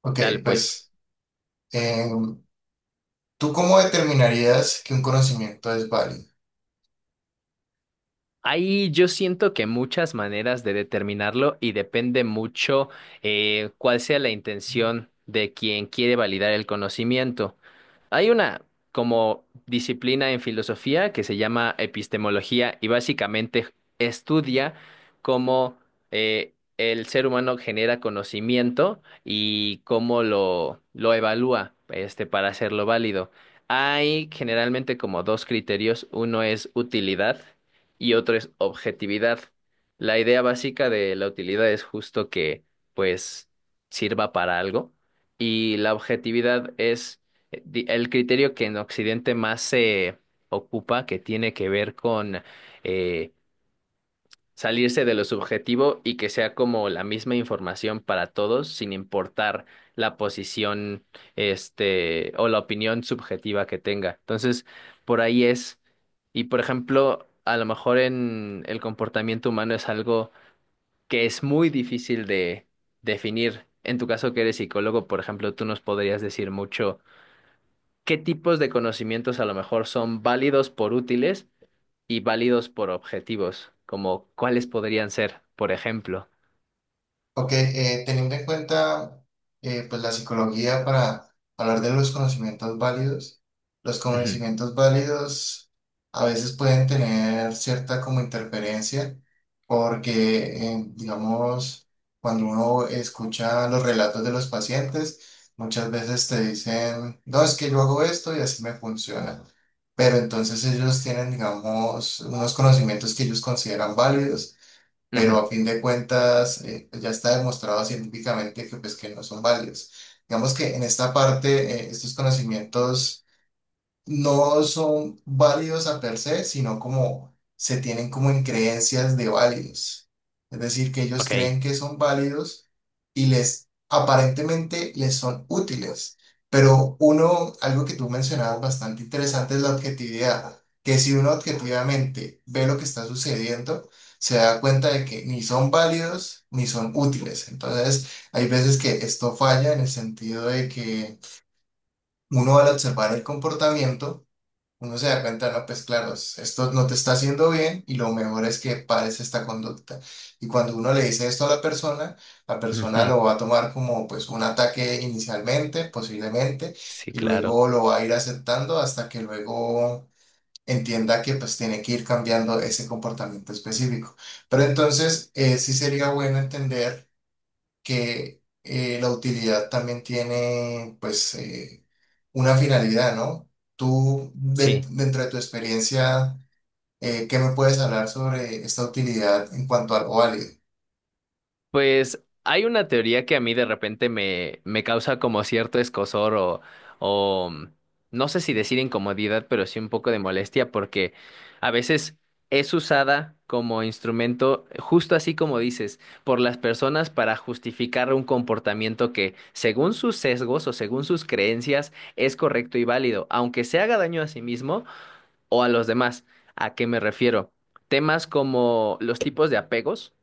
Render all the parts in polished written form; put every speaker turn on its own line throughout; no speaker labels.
Ok,
Dale, pues.
pues, em, ¿tú cómo determinarías que un conocimiento es válido?
Ahí yo siento que muchas maneras de determinarlo y depende mucho cuál sea la intención de quien quiere validar el conocimiento. Hay una como disciplina en filosofía que se llama epistemología y básicamente estudia cómo el ser humano genera conocimiento y cómo lo evalúa este, para hacerlo válido. Hay generalmente como dos criterios, uno es utilidad y otro es objetividad. La idea básica de la utilidad es justo que pues sirva para algo, y la objetividad es el criterio que en Occidente más se ocupa, que tiene que ver con eh, salirse de lo subjetivo y que sea como la misma información para todos, sin importar la posición, este, o la opinión subjetiva que tenga. Entonces, por ahí es. Y por ejemplo, a lo mejor en el comportamiento humano es algo que es muy difícil de definir. En tu caso, que eres psicólogo, por ejemplo, tú nos podrías decir mucho qué tipos de conocimientos a lo mejor son válidos por útiles y válidos por objetivos, como cuáles podrían ser, por ejemplo.
Ok, teniendo en cuenta pues la psicología para hablar de los
Ujú,
conocimientos válidos a veces pueden tener cierta como interferencia porque, digamos, cuando uno escucha los relatos de los pacientes, muchas veces te dicen, no, es que yo hago esto y así me funciona. Pero entonces ellos tienen, digamos, unos conocimientos que ellos consideran válidos, pero
ujú,
a fin de cuentas pues, ya está demostrado científicamente que, pues, que no son válidos. Digamos que en esta parte, estos conocimientos no son válidos a per se, sino como se tienen como en creencias de válidos. Es decir, que ellos creen
ok.
que son válidos y les aparentemente les son útiles. Pero uno, algo que tú mencionabas bastante interesante es la objetividad, que si uno objetivamente ve lo que está sucediendo, se da cuenta de que ni son válidos ni son útiles. Entonces, hay veces que esto falla en el sentido de que uno al observar el comportamiento, uno se da cuenta, no, pues claro, esto no te está haciendo bien y lo mejor es que pares esta conducta. Y cuando uno le dice esto a la persona
Ujú,
lo va a tomar como pues un ataque inicialmente, posiblemente,
sí,
y
claro.
luego lo va a ir aceptando hasta que luego entienda que pues tiene que ir cambiando ese comportamiento específico. Pero entonces sí sería bueno entender que la utilidad también tiene pues... una finalidad, ¿no? Tú,
Sí.
dentro de tu experiencia, ¿qué me puedes hablar sobre esta utilidad en cuanto al válido?
Pues hay una teoría que a mí de repente me, me causa como cierto escozor o no sé si decir incomodidad, pero sí un poco de molestia porque a veces es usada como instrumento, justo así como dices, por las personas para justificar un comportamiento que según sus sesgos o según sus creencias es correcto y válido, aunque se haga daño a sí mismo o a los demás. ¿A qué me refiero? Temas como los tipos de apegos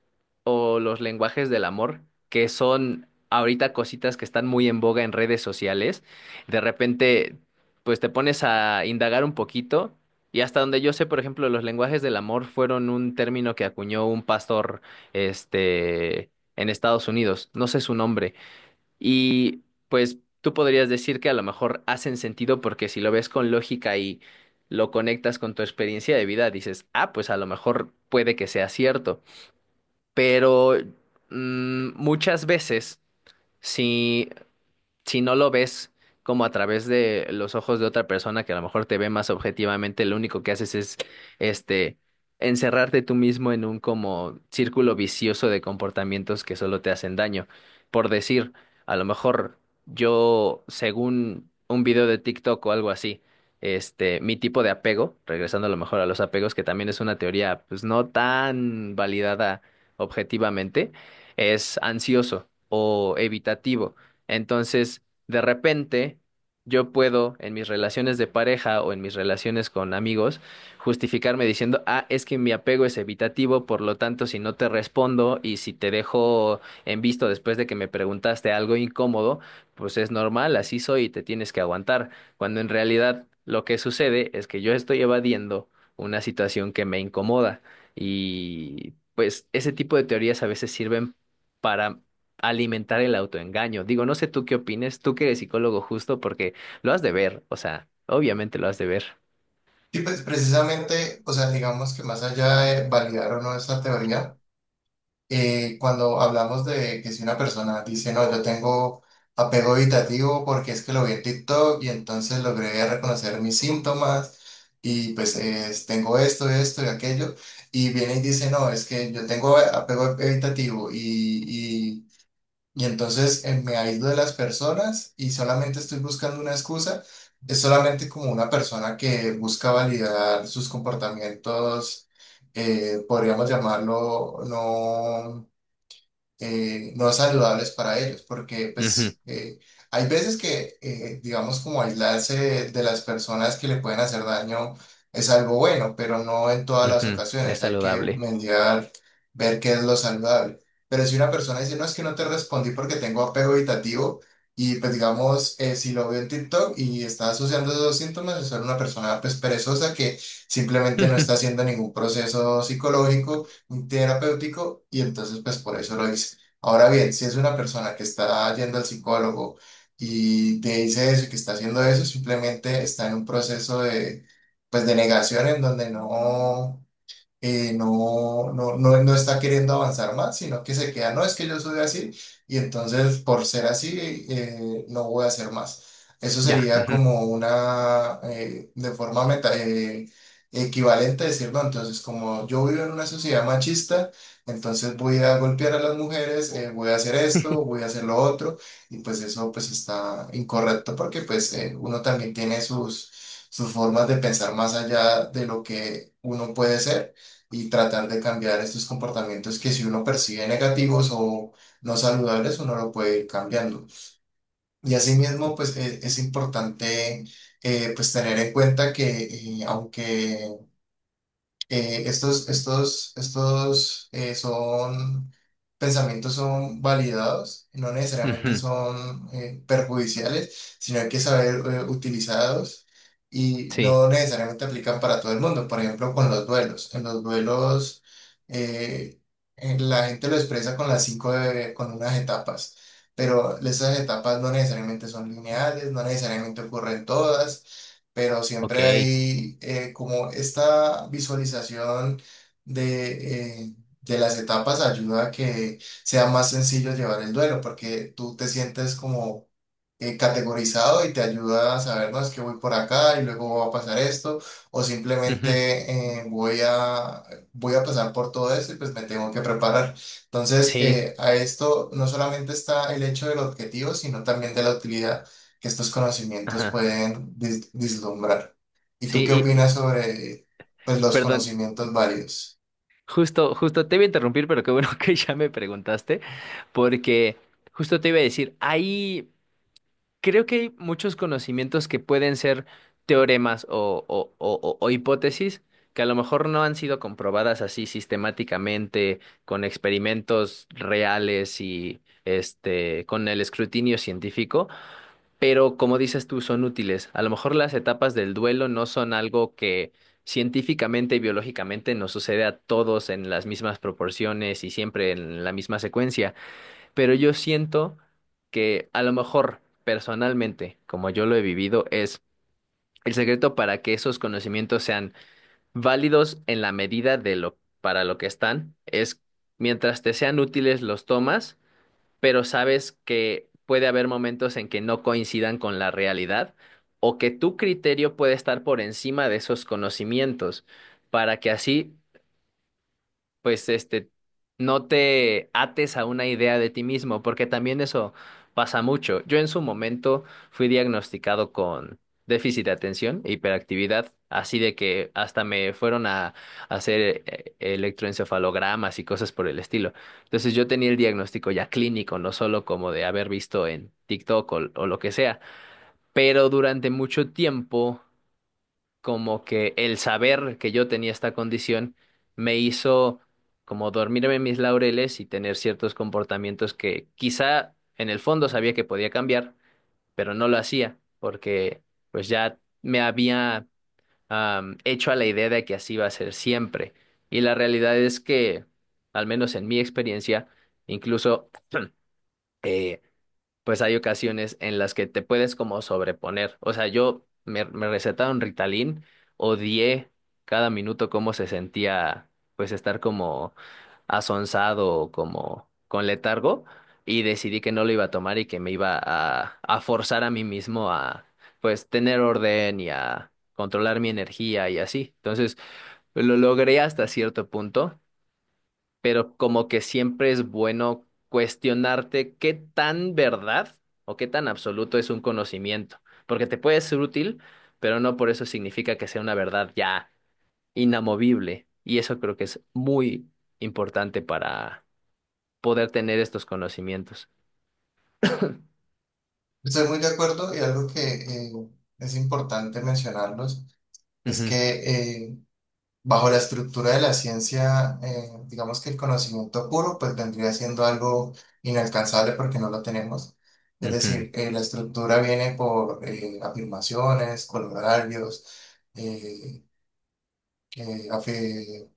o los lenguajes del amor, que son ahorita cositas que están muy en boga en redes sociales. De repente, pues te pones a indagar un poquito y hasta donde yo sé, por ejemplo, los lenguajes del amor fueron un término que acuñó un pastor, este, en Estados Unidos. No sé su nombre, y pues tú podrías decir que a lo mejor hacen sentido porque si lo ves con lógica y lo conectas con tu experiencia de vida, dices, ah, pues a lo mejor puede que sea cierto. Pero muchas veces, si si no lo ves como a través de los ojos de otra persona que a lo mejor te ve más objetivamente, lo único que haces es este encerrarte tú mismo en un como círculo vicioso de comportamientos que solo te hacen daño. Por decir, a lo mejor yo, según un video de TikTok o algo así, este, mi tipo de apego, regresando a lo mejor a los apegos, que también es una teoría pues no tan validada objetivamente, es ansioso o evitativo. Entonces, de repente, yo puedo en mis relaciones de pareja o en mis relaciones con amigos justificarme diciendo, ah, es que mi apego es evitativo, por lo tanto, si no te respondo y si te dejo en visto después de que me preguntaste algo incómodo, pues es normal, así soy y te tienes que aguantar. Cuando en realidad lo que sucede es que yo estoy evadiendo una situación que me incomoda y pues ese tipo de teorías a veces sirven para alimentar el autoengaño. Digo, no sé tú qué opines, tú que eres psicólogo justo, porque lo has de ver, o sea, obviamente lo has de ver.
Sí, pues precisamente, o sea, digamos que más allá de validar o no esta teoría, cuando hablamos de que si una persona dice, no, yo tengo apego evitativo porque es que lo vi en TikTok y entonces logré reconocer mis síntomas y pues tengo esto, esto y aquello, y viene y dice, no, es que yo tengo apego evitativo y entonces me aíslo de las personas y solamente estoy buscando una excusa. Es solamente como una persona que busca validar sus comportamientos, podríamos llamarlo, no no saludables para ellos, porque
Ujú,
pues hay veces que, digamos, como aislarse de las personas que le pueden hacer daño es algo bueno, pero no en todas las
ujú, es
ocasiones, hay que
saludable.
mediar, ver qué es lo saludable. Pero si una persona dice, no, es que no te respondí porque tengo apego evitativo, y pues digamos, si lo veo en TikTok y está asociando esos síntomas, es ser una persona pues perezosa que simplemente no está haciendo ningún proceso psicológico un terapéutico y entonces pues por eso lo hice. Ahora bien, si es una persona que está yendo al psicólogo y te dice eso y que está haciendo eso, simplemente está en un proceso de pues de negación en donde no no está queriendo avanzar más, sino que se queda, no, es que yo soy así y entonces por ser así no voy a hacer más. Eso
Ya.
sería
Ujú,
como una, de forma meta, equivalente a decir, no, entonces como yo vivo en una sociedad machista, entonces voy a golpear a las mujeres, voy a hacer esto, voy a hacer lo otro, y pues eso pues está incorrecto porque pues uno también tiene sus, sus formas de pensar más allá de lo que uno puede ser y tratar de cambiar estos comportamientos que si uno percibe negativos o no saludables, uno lo puede ir cambiando. Y asimismo, pues es, importante pues tener en cuenta que aunque estos son pensamientos son validados, no necesariamente
ujú,
son perjudiciales, sino hay que saber utilizarlos y
sí,
no necesariamente aplican para todo el mundo. Por ejemplo, con los duelos. En los duelos eh, la gente lo expresa con las con unas etapas. Pero esas etapas no necesariamente son lineales, no necesariamente ocurren todas, pero
ok.
siempre hay como esta visualización de, eh, de las etapas, ayuda a que sea más sencillo llevar el duelo, porque tú te sientes como categorizado y te ayuda a saber, no, es que voy por acá y luego va a pasar esto, o
Ujú,
simplemente voy a pasar por todo esto y pues me tengo que preparar. Entonces,
sí,
a esto no solamente está el hecho del objetivo, sino también de la utilidad que estos conocimientos
ajá.
pueden vislumbrar. ¿Y
Sí,
tú qué
y,
opinas sobre, pues, los
perdón,
conocimientos válidos?
justo, justo te iba a interrumpir, pero qué bueno que ya me preguntaste, porque justo te iba a decir, ahí. Creo que hay muchos conocimientos que pueden ser teoremas o, o hipótesis que a lo mejor no han sido comprobadas así sistemáticamente con experimentos reales y este con el escrutinio científico, pero como dices tú, son útiles. A lo mejor las etapas del duelo no son algo que científicamente y biológicamente nos sucede a todos en las mismas proporciones y siempre en la misma secuencia, pero yo siento que a lo mejor personalmente, como yo lo he vivido, es el secreto para que esos conocimientos sean válidos en la medida de lo para lo que están, es mientras te sean útiles los tomas, pero sabes que puede haber momentos en que no coincidan con la realidad o que tu criterio puede estar por encima de esos conocimientos, para que así pues este, no te ates a una idea de ti mismo, porque también eso pasa mucho. Yo en su momento fui diagnosticado con déficit de atención e hiperactividad, así de que hasta me fueron a hacer electroencefalogramas y cosas por el estilo. Entonces yo tenía el diagnóstico ya clínico, no solo como de haber visto en TikTok o lo que sea, pero durante mucho tiempo como que el saber que yo tenía esta condición me hizo como dormirme en mis laureles y tener ciertos comportamientos que quizá en el fondo sabía que podía cambiar, pero no lo hacía porque pues ya me había hecho a la idea de que así iba a ser siempre. Y la realidad es que, al menos en mi experiencia, incluso... eh, pues hay ocasiones en las que te puedes como sobreponer. O sea, yo me, me recetaron Ritalin, odié cada minuto cómo se sentía, pues estar como asonsado o como con letargo y decidí que no lo iba a tomar y que me iba a forzar a mí mismo a, pues, tener orden y a controlar mi energía y así. Entonces, lo logré hasta cierto punto, pero como que siempre es bueno cuestionarte qué tan verdad o qué tan absoluto es un conocimiento, porque te puede ser útil, pero no por eso significa que sea una verdad ya inamovible. Y eso creo que es muy importante para poder tener estos conocimientos.
Estoy muy de acuerdo y algo que es importante mencionarlos es
Ujú,
que bajo la estructura de la ciencia, digamos que el conocimiento puro pues vendría siendo algo inalcanzable porque no lo tenemos. Es
ujú,
decir, la estructura viene por afirmaciones, colorearios, eh, eh, afi-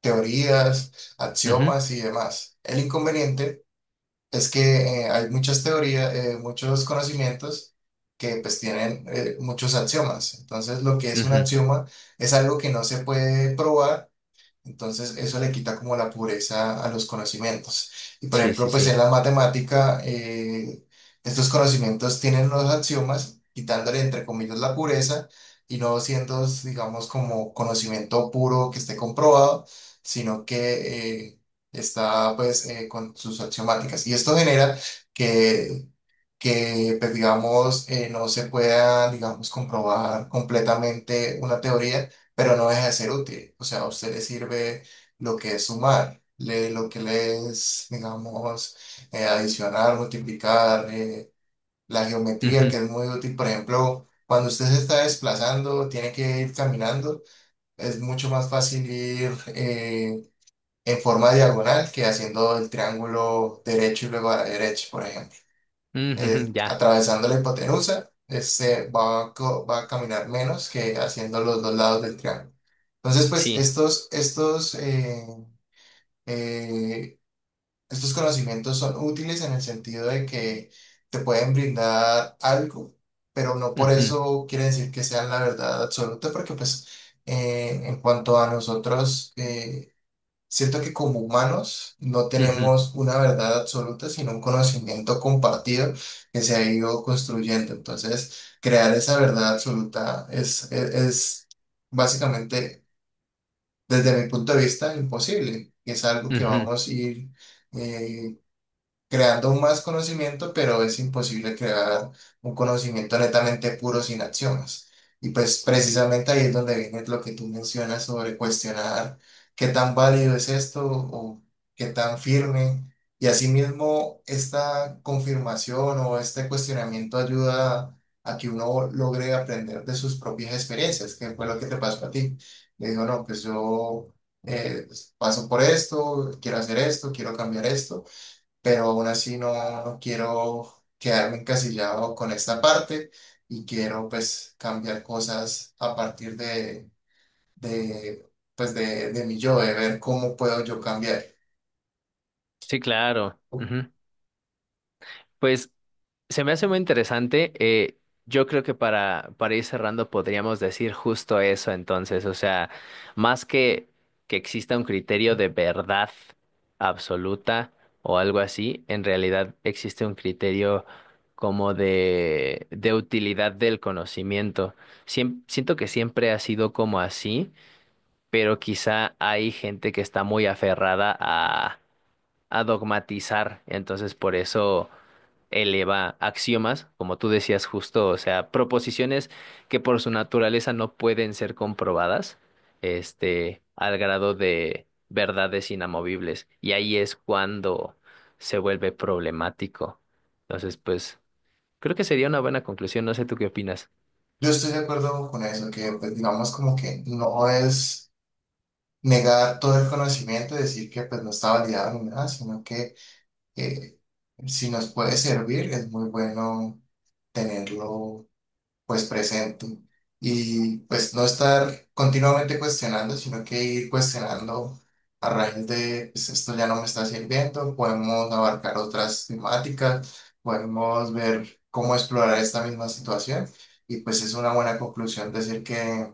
teorías,
ujú,
axiomas y demás. El inconveniente es que hay muchas teorías, muchos conocimientos que pues tienen muchos axiomas. Entonces, lo que es un
ujú.
axioma es algo que no se puede probar. Entonces, eso le quita como la pureza a los conocimientos. Y por
Sí, sí,
ejemplo, pues en
sí.
la matemática, estos conocimientos tienen los axiomas, quitándole entre comillas la pureza y no siendo, digamos, como conocimiento puro que esté comprobado, sino que está pues con sus axiomáticas. Y esto genera que pues, digamos, no se pueda, digamos, comprobar completamente una teoría, pero no deja de ser útil. O sea, a usted le sirve lo que es sumar, lo que le es, digamos, adicionar, multiplicar, la geometría, que
Ujú,
es muy útil, por ejemplo. Cuando usted se está desplazando, tiene que ir caminando, es mucho más fácil ir en forma diagonal que haciendo el triángulo derecho y luego a la derecha, por ejemplo
ujú, ujú, ya,
atravesando la hipotenusa, se va, a co- va a caminar menos que haciendo los dos lados del triángulo. Entonces, pues
sí.
eh, estos conocimientos son útiles en el sentido de que te pueden brindar algo, pero no por
Ujú,
eso quiere decir que sean la verdad absoluta, porque pues en cuanto a nosotros, siento que como humanos no
ujú,
tenemos una verdad absoluta, sino un conocimiento compartido que se ha ido construyendo. Entonces, crear esa verdad absoluta es básicamente, desde mi punto de vista, imposible. Es algo que
ujú.
vamos a ir eh, creando más conocimiento, pero es imposible crear un conocimiento netamente puro sin acciones. Y pues precisamente ahí es donde viene lo que tú mencionas sobre cuestionar qué tan válido es esto o qué tan firme. Y asimismo, esta confirmación o este cuestionamiento ayuda a que uno logre aprender de sus propias experiencias, que fue lo que te pasó a ti. Le digo, no, pues yo eh, paso por esto, quiero hacer esto, quiero cambiar esto, pero aún así no, no quiero quedarme encasillado con esta parte y quiero pues cambiar cosas a partir de pues de mi yo, de ver cómo puedo yo cambiar.
Sí, claro. Pues se me hace muy interesante. Yo creo que para ir cerrando podríamos decir justo eso entonces. O sea, más que exista un criterio de verdad absoluta o algo así, en realidad existe un criterio como de utilidad del conocimiento. Siento que siempre ha sido como así, pero quizá hay gente que está muy aferrada a dogmatizar. Entonces, por eso eleva axiomas, como tú decías justo, o sea, proposiciones que por su naturaleza no pueden ser comprobadas, este, al grado de verdades inamovibles. Y ahí es cuando se vuelve problemático. Entonces, pues, creo que sería una buena conclusión. No sé tú qué opinas.
Yo estoy de acuerdo con eso, que pues digamos como que no es negar todo el conocimiento y decir que pues no está validado ni nada, sino que eh, si nos puede servir, es muy bueno tenerlo pues presente y pues no estar continuamente cuestionando, sino que ir cuestionando a raíz de pues, esto ya no me está sirviendo, podemos abarcar otras temáticas, podemos ver cómo explorar esta misma situación y pues es una buena conclusión decir que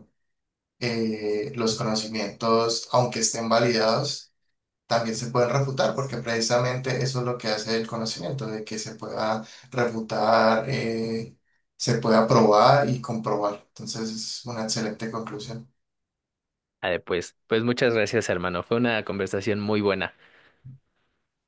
los conocimientos, aunque estén validados, también se pueden refutar, porque precisamente eso es lo que hace el conocimiento, de que se pueda refutar, se pueda probar y comprobar. Entonces es una excelente conclusión.
Ah, pues, pues muchas gracias, hermano. Fue una conversación muy buena.